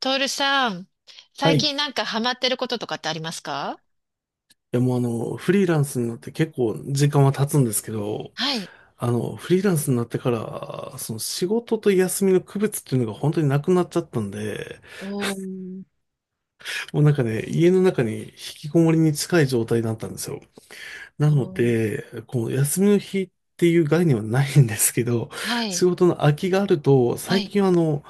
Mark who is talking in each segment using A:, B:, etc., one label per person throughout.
A: トールさん、
B: は
A: 最
B: い。い
A: 近なんかハマってることとかってありますか？
B: や、もうフリーランスになって結構時間は経つんですけど、
A: はい。
B: フリーランスになってから、その仕事と休みの区別っていうのが本当になくなっちゃったんで、
A: おー。
B: もうなんかね、家の中に引きこもりに近い状態だったんですよ。な
A: お
B: の
A: ー。
B: で、こう、休みの日っていう概念はないんですけど、
A: はい、
B: 仕事の空きがあると、
A: は
B: 最
A: い、
B: 近は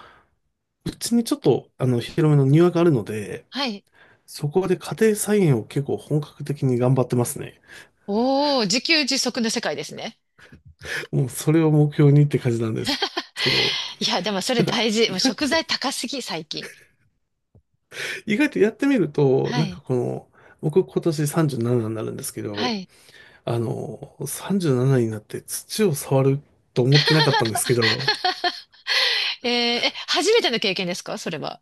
B: うちにちょっと広めの庭があるので、
A: はい。
B: そこで家庭菜園を結構本格的に頑張ってますね。
A: おー、自給自足の世界ですね。
B: もうそれを目標にって感じなんですけど、
A: いや、でもそ
B: な
A: れ
B: んか
A: 大事。
B: 意
A: もう
B: 外
A: 食
B: と、
A: 材高すぎ、最近。
B: 意外とやってみると、
A: は
B: なんか
A: い、
B: この、僕今年37になるんですけ
A: は
B: ど、
A: い。
B: 37になって土を触ると思ってなかったんですけど、
A: えーえ、初めての経験ですかそれは。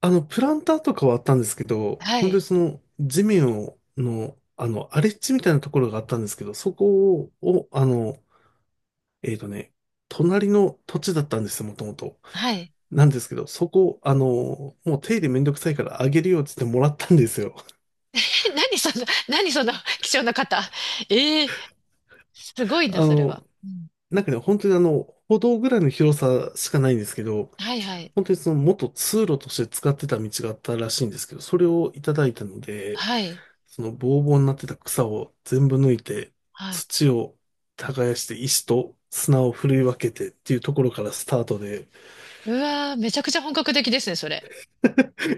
B: プランターとかはあったんですけど、
A: は
B: 本当
A: い、
B: にその地面を、の、荒れ地みたいなところがあったんですけど、そこを、えっとね、隣の土地だったんですよ、もともと。
A: はい。
B: なんですけど、そこ、もう手入れめんどくさいからあげるよって言ってもらったんですよ。
A: え何その、何その 貴重な方。えー、すご いな、
B: あ
A: それは。
B: の、
A: うん。
B: なんかね、本当に歩道ぐらいの広さしかないんですけど、
A: はい、はい、
B: 本当にその元通路として使ってた道があったらしいんですけど、それをいただいたので、
A: はい、
B: そのボーボーになってた草を全部抜いて、
A: はい。
B: 土を耕して石と砂をふるい分けてっていうところからスタートで、
A: うわー、めちゃくちゃ本格的ですね、それ。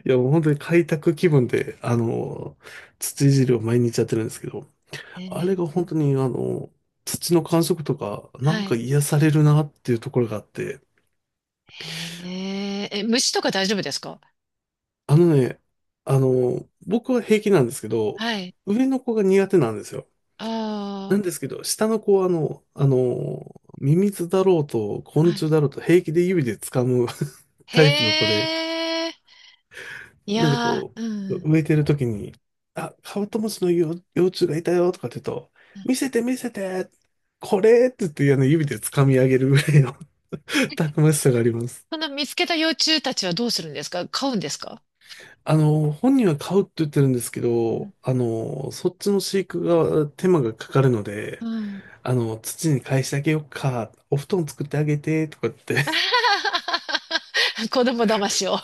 B: いやもう本当に開拓気分で、土いじりを毎日やってるんですけど、
A: え
B: あれ
A: ー、
B: が本当に土の感触とか、な
A: は
B: んか
A: い。
B: 癒されるなっていうところがあって、
A: へえ、え、虫とか大丈夫ですか？
B: あのね、僕は平気なんですけど、
A: はい。
B: 上の子が苦手なんですよ。な
A: あ
B: んですけど、下の子はミミズだろうと
A: あ、
B: 昆
A: はい。
B: 虫だろうと平気で指で掴む タイプの子
A: へ
B: で、
A: え、い
B: なんで
A: やー、うん。
B: 植えてる時に、あ、カブトムシの幼幼虫がいたよとかって言うと、見
A: ん。
B: せて見せて、これって言って、あの指で掴み上げるぐらいの たくましさがあります。
A: その見つけた幼虫たちはどうするんですか？飼うんですか？
B: 本人は買うって言ってるんですけど、
A: う
B: そっちの飼育が手間がかかるの
A: ん。
B: で、
A: うん。
B: 土に返してあげようか、お布団作ってあげて、とかって。
A: 子供騙しを。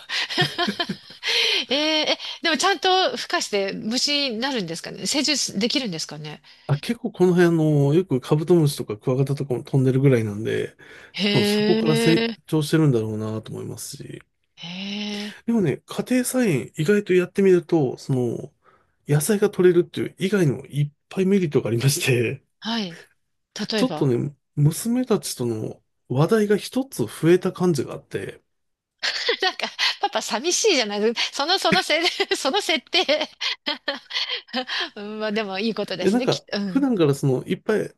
A: えーえ、でもちゃんと孵化して虫になるんですかね、成熟できるんですかね？
B: あ、結構この辺、よくカブトムシとかクワガタとかも飛んでるぐらいなんで、多分そ
A: へ
B: こから成
A: え。
B: 長してるんだろうなと思いますし。
A: へえ、
B: でもね、家庭菜園意外とやってみると、野菜が取れるっていう以外にもいっぱいメリットがありまして、
A: はい。例
B: ち
A: え
B: ょっと
A: ば。
B: ね、娘たちとの話題が一つ増えた感じがあって、
A: なんか、パパ寂しいじゃない、その、そのせ、その設定。 うん、まあでもいいこと
B: い
A: で
B: や
A: す
B: なん
A: ね、きっ
B: か、
A: と。う
B: 普
A: ん。
B: 段からいっぱい、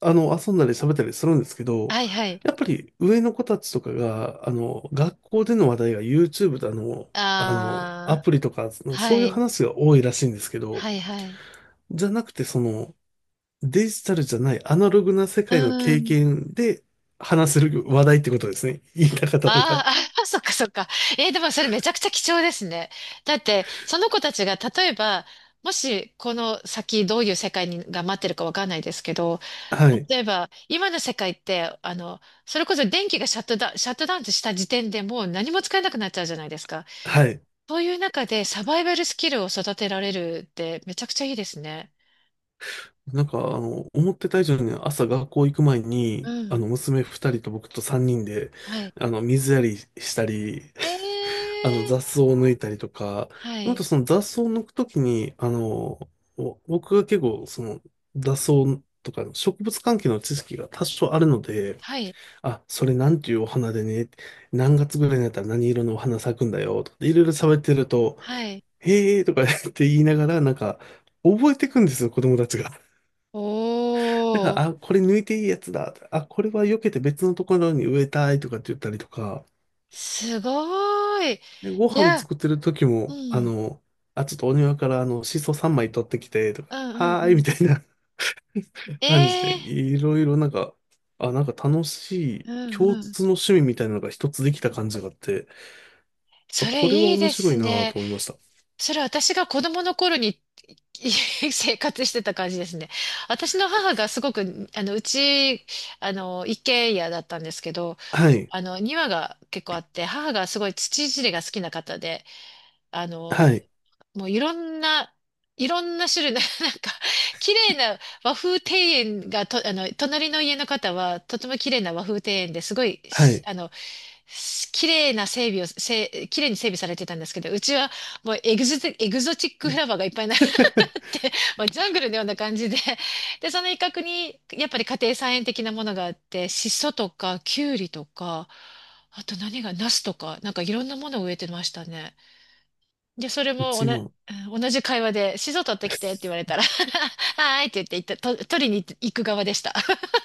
B: 遊んだり喋ったりするんですけど、
A: はいはい。
B: やっぱり上の子たちとかが、学校での話題が YouTube だの、ア
A: あ
B: プリとか、そ
A: あ、
B: の
A: は
B: そういう
A: い、
B: 話が多いらしいんですけ
A: は
B: ど、
A: いはい。
B: じゃなくて、デジタルじゃないアナログな世
A: う
B: 界の経
A: ん。
B: 験で話せる話題ってことですね。言いたかったの
A: あ
B: が。
A: ーあ、そっかそっか。えーでもそれめちゃくちゃ貴重ですね。だって、その子たちが例えば、もしこの先どういう世界にが待ってるかわかんないですけど、
B: はい。
A: 例えば今の世界って、それこそ電気がシャットダウンした時点でもう何も使えなくなっちゃうじゃないですか。
B: はい。
A: そういう中でサバイバルスキルを育てられるってめちゃくちゃいいですね。
B: なんか、思ってた以上に朝学校行く前
A: う
B: に、
A: ん。
B: 娘二人と僕と三人で、
A: はい。
B: 水やりしたり、
A: え え
B: 雑
A: ー。
B: 草を抜いたりとか、
A: は
B: あ
A: い。
B: とその雑草を抜くときに、お僕が結構、その、雑草とかの植物関係の知識が多少あるので、
A: はい。
B: あ、それなんていうお花でね、何月ぐらいになったら何色のお花咲くんだよ、とかっていろいろ喋ってると、
A: はい。
B: へーとか言って言いながら、なんか、覚えてくんですよ、子供たちが。だか
A: おー。
B: ら、あ、これ抜いていいやつだ。あ、これは避けて別のところに植えたいとかって言ったりとか、
A: すごーい。
B: で、ご
A: い
B: 飯
A: や、
B: 作ってる時
A: う
B: も、
A: ん。
B: あ、ちょっとお庭からシソ3枚取ってきて、とか、
A: うんうん
B: は
A: う
B: ーい、み
A: ん。
B: たいな 感じ
A: え
B: で、
A: え
B: いろいろなんか、あ、なんか楽しい
A: ー。うん
B: 共
A: うん。
B: 通の趣味みたいなのが一つできた感じがあって、
A: そ
B: あ、
A: れ
B: これは
A: いい
B: 面
A: で
B: 白
A: す
B: いな
A: ね。
B: と思いました。
A: それ私が子供の頃に 生活してた感じですね。私の母がすごく、うち、一軒家だったんですけど、
B: はい、
A: 庭が結構あって、母がすごい土いじりが好きな方で、あの、
B: はい、
A: もういろんな、いろんな種類の、なんか、綺麗な和風庭園がと、あの、隣の家の方は、とても綺麗な和風庭園ですごい、
B: は
A: し
B: い。
A: あの、し綺麗な整備を、綺麗に整備されてたんですけど、うちはもうエグゾチックフラワーがいっぱい。 まあ、ジャングルのような感じで、で、その一角に、やっぱり家庭菜園的なものがあって、シソとか、キュウリとか、あと何が、ナスとか、なんかいろんなものを植えてましたね。で、それ
B: う
A: も
B: ちも、
A: うん、同じ会話で、シソ取ってきてって言われ たら、はーいって言って行った、と取りに行く側でした。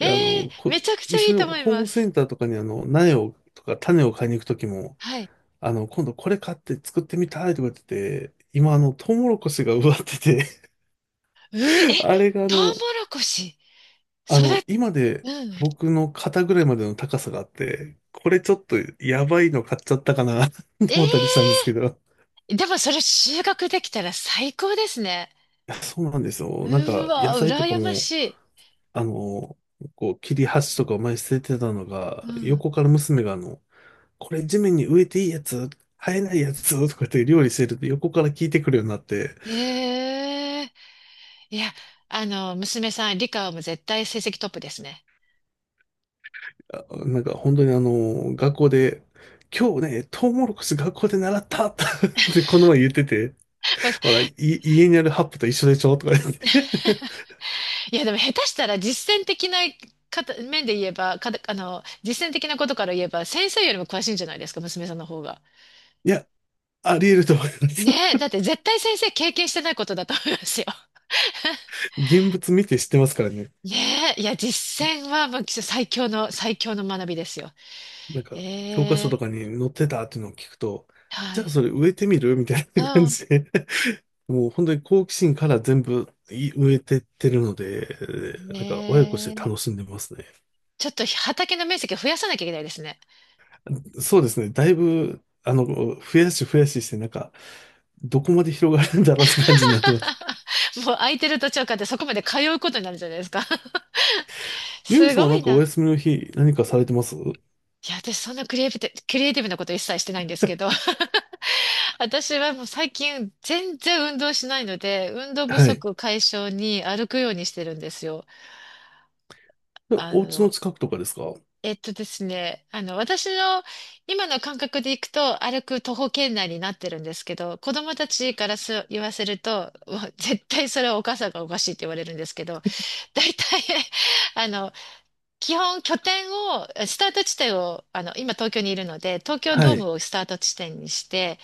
A: え
B: いや
A: ーめちゃくちゃ
B: 一
A: いい
B: 緒
A: と
B: に
A: 思い
B: ホー
A: ま
B: ムセ
A: す。
B: ンターとかに苗を、とか種を買いに行くときも、
A: はい。
B: 今度これ買って作ってみたいとか言ってて、今トウモロコシが植わってて
A: うー、え、
B: あれが
A: トウモロコシ、育っ、
B: 今で
A: うん。
B: 僕の肩ぐらいまでの高さがあって、これちょっとやばいの買っちゃったかな と思ったりしたんで
A: ええ
B: すけど。い
A: でもそれ収穫できたら最高ですね。
B: やそうなんですよ。なん
A: う
B: か
A: わ、
B: 野菜とか
A: 羨まし
B: も、
A: い。
B: あの、こう切り端とかを前に捨ててたの
A: う
B: が、
A: ん。
B: 横から娘がこれ地面に植えていいやつ、生えないやつとかって料理してると横から聞いてくるようになって、
A: ええいや、娘さん、理科はもう絶対成績トップですね。
B: なんか本当に学校で、今日ね、トウモロコシ学校で習ったって この前言ってて、
A: まあ
B: ほら、家にあるハップと一緒でしょとか言って。
A: いや、でも下手したら実践的な方面で言えば、かた、あの、実践的なことから言えば、先生よりも詳しいんじゃないですか、娘さんの方が。
B: いや、あり得ると思います。
A: ねえ、だって絶対先生経験してないことだと思いますよ。
B: 現物見て知ってますからね。
A: ねえ、いや、実践はもう最強の学びですよ。
B: なんか、教科書
A: え
B: と
A: え
B: かに載ってたっていうのを聞くと、
A: は
B: じゃあ
A: い。
B: それ植えてみるみたい
A: う
B: な感
A: ん。
B: じで、もう本当に好奇心から全部植えてってるので、なんか親子し
A: ね
B: て
A: え。
B: 楽しんでますね。
A: ちょっと畑の面積増やさなきゃいけないですね。
B: そうですね。だいぶ、増やし増やしして、なんか、どこまで広がるんだろうって感じになってます。
A: もう空いてる図書館ってそこまで通うことになるじゃないですか。
B: ユミ
A: す
B: さんは
A: ご
B: な
A: い
B: んかお
A: な。
B: 休みの日何かされてます？
A: いや、私そんなクリエイティブなこと一切してないんですけど、私はもう最近全然運動しないので、運動不
B: はい。
A: 足解消に歩くようにしてるんですよ。
B: で
A: あ
B: お家の
A: の、
B: 近くとかですか？
A: えっとですね、あの、私の今の感覚でいくと歩く徒歩圏内になってるんですけど、子供たちから言わせると、うわ絶対それはお母さんがおかしいって言われるんですけど、大体、あの、基本拠点を、スタート地点を、今東京にいるので、東京
B: は
A: ドー
B: い。
A: ムをスタート地点にして、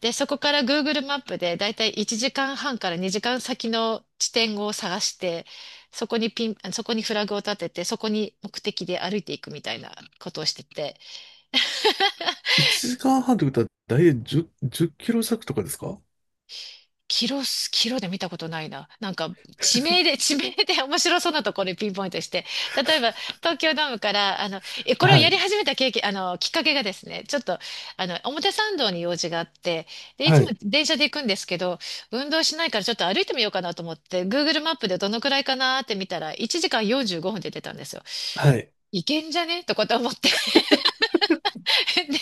A: で、そこから Google マップでだいたい1時間半から2時間先の地点を探して、そこにフラグを立てて、そこに目的で歩いていくみたいなことをしてて、
B: 1時間半ということは大体10キロ弱とかですか？
A: キロで見たことないな。なんか、地名で、地名で面白そうなところにピンポイントして。例えば、東京ドームから、これを
B: は
A: やり
B: い。
A: 始めた経験、あの、きっかけがですね、ちょっと、表参道に用事があって、で、いつ
B: は
A: も
B: い。
A: 電車で行くんですけど、運動しないからちょっと歩いてみようかなと思って、Google マップでどのくらいかなって見たら、1時間45分で出てたんですよ。
B: はい。
A: いけんじゃねとかと思って。 で、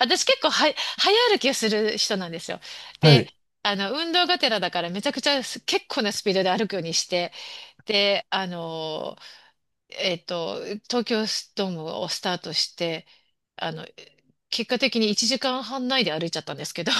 A: 私結構は、早歩きをする人なんですよ。
B: は
A: で、
B: い。
A: 運動がてらだからめちゃくちゃ結構なスピードで歩くようにして、で、えっと、東京ドームをスタートして、あの、結果的に1時間半内で歩いちゃったんですけど、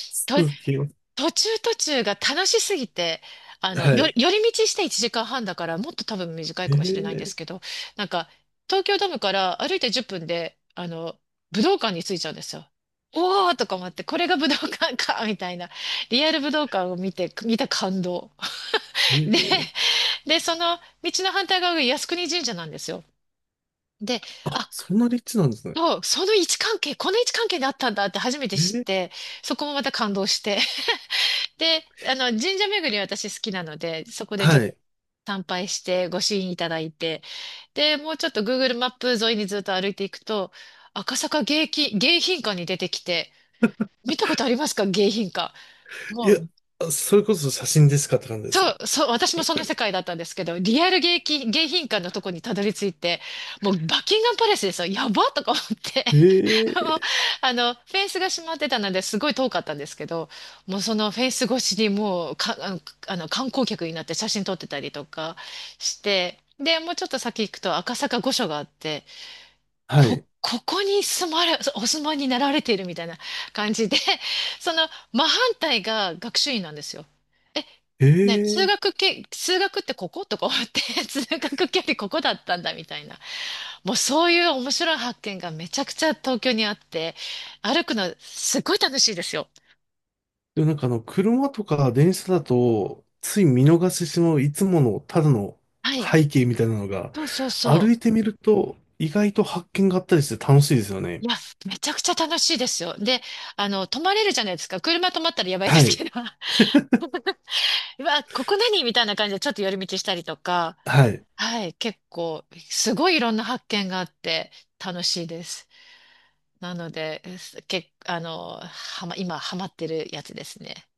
B: 続きます。
A: 途中途中が楽しすぎて、
B: はい。
A: 寄り道して1時間半だから、もっと多分短いかもしれないん
B: え
A: で
B: え
A: すけど、なんか、東京ドームから歩いて10分で、武道館に着いちゃうんですよ。おーとか思って、これが武道館か、みたいな。リアル武道館を見た感動。で、
B: ええ。
A: で、その道の反対側が靖国神社なんですよ。で、
B: あ、
A: あ、
B: そんな立地なんですね。
A: もう、その位置関係、この位置関係にあったんだって初めて知
B: え
A: っ
B: え。
A: て、そこもまた感動して、で、神社巡り私好きなので、そこでちょっ
B: は
A: と
B: い。
A: 参拝してご支援いただいて、で、もうちょっと Google マップ沿いにずっと歩いていくと、赤坂迎賓館に出てきて、見たことありますか迎賓館？
B: い
A: も
B: や、
A: う、
B: あそれこそ写真でしかって感じです
A: そ
B: ね。
A: う、そう、私もその世界だったんですけど、リアル迎賓館のとこにたどり着いて、もうバッキンガンパレスですよ。やばとか思って。
B: え
A: もう
B: え。
A: フェンスが閉まってたので、すごい遠かったんですけど、もうそのフェンス越しにもうか、あの、あの観光客になって写真撮ってたりとかして、で、もうちょっと先行くと赤坂御所があって、
B: はい。
A: ここに住まれ、お住まいになられているみたいな感じで、その真反対が学習院なんですよ。ね、
B: ええ。
A: 通学ってこことか思って、通学距離ここだったんだみたいな。もうそういう面白い発見がめちゃくちゃ東京にあって、歩くのすっごい楽しいですよ。
B: でもなんか車とか電車だと、つい見逃してしまういつものただの
A: はい。
B: 背景みたいなのが、
A: そうそうそ
B: 歩
A: う。
B: いてみると意外と発見があったりして楽しいですよ
A: い
B: ね。
A: や、めちゃくちゃ楽しいですよ。で、泊まれるじゃないですか。車止まったらやばいで
B: は
A: すけ
B: い。
A: ど、うわ、ここ何みたいな感じでちょっと寄り道したりとか、
B: はい。
A: はい、結構、すごいいろんな発見があって楽しいです。なので、すけ、あの、はま、今ハマってるやつですね。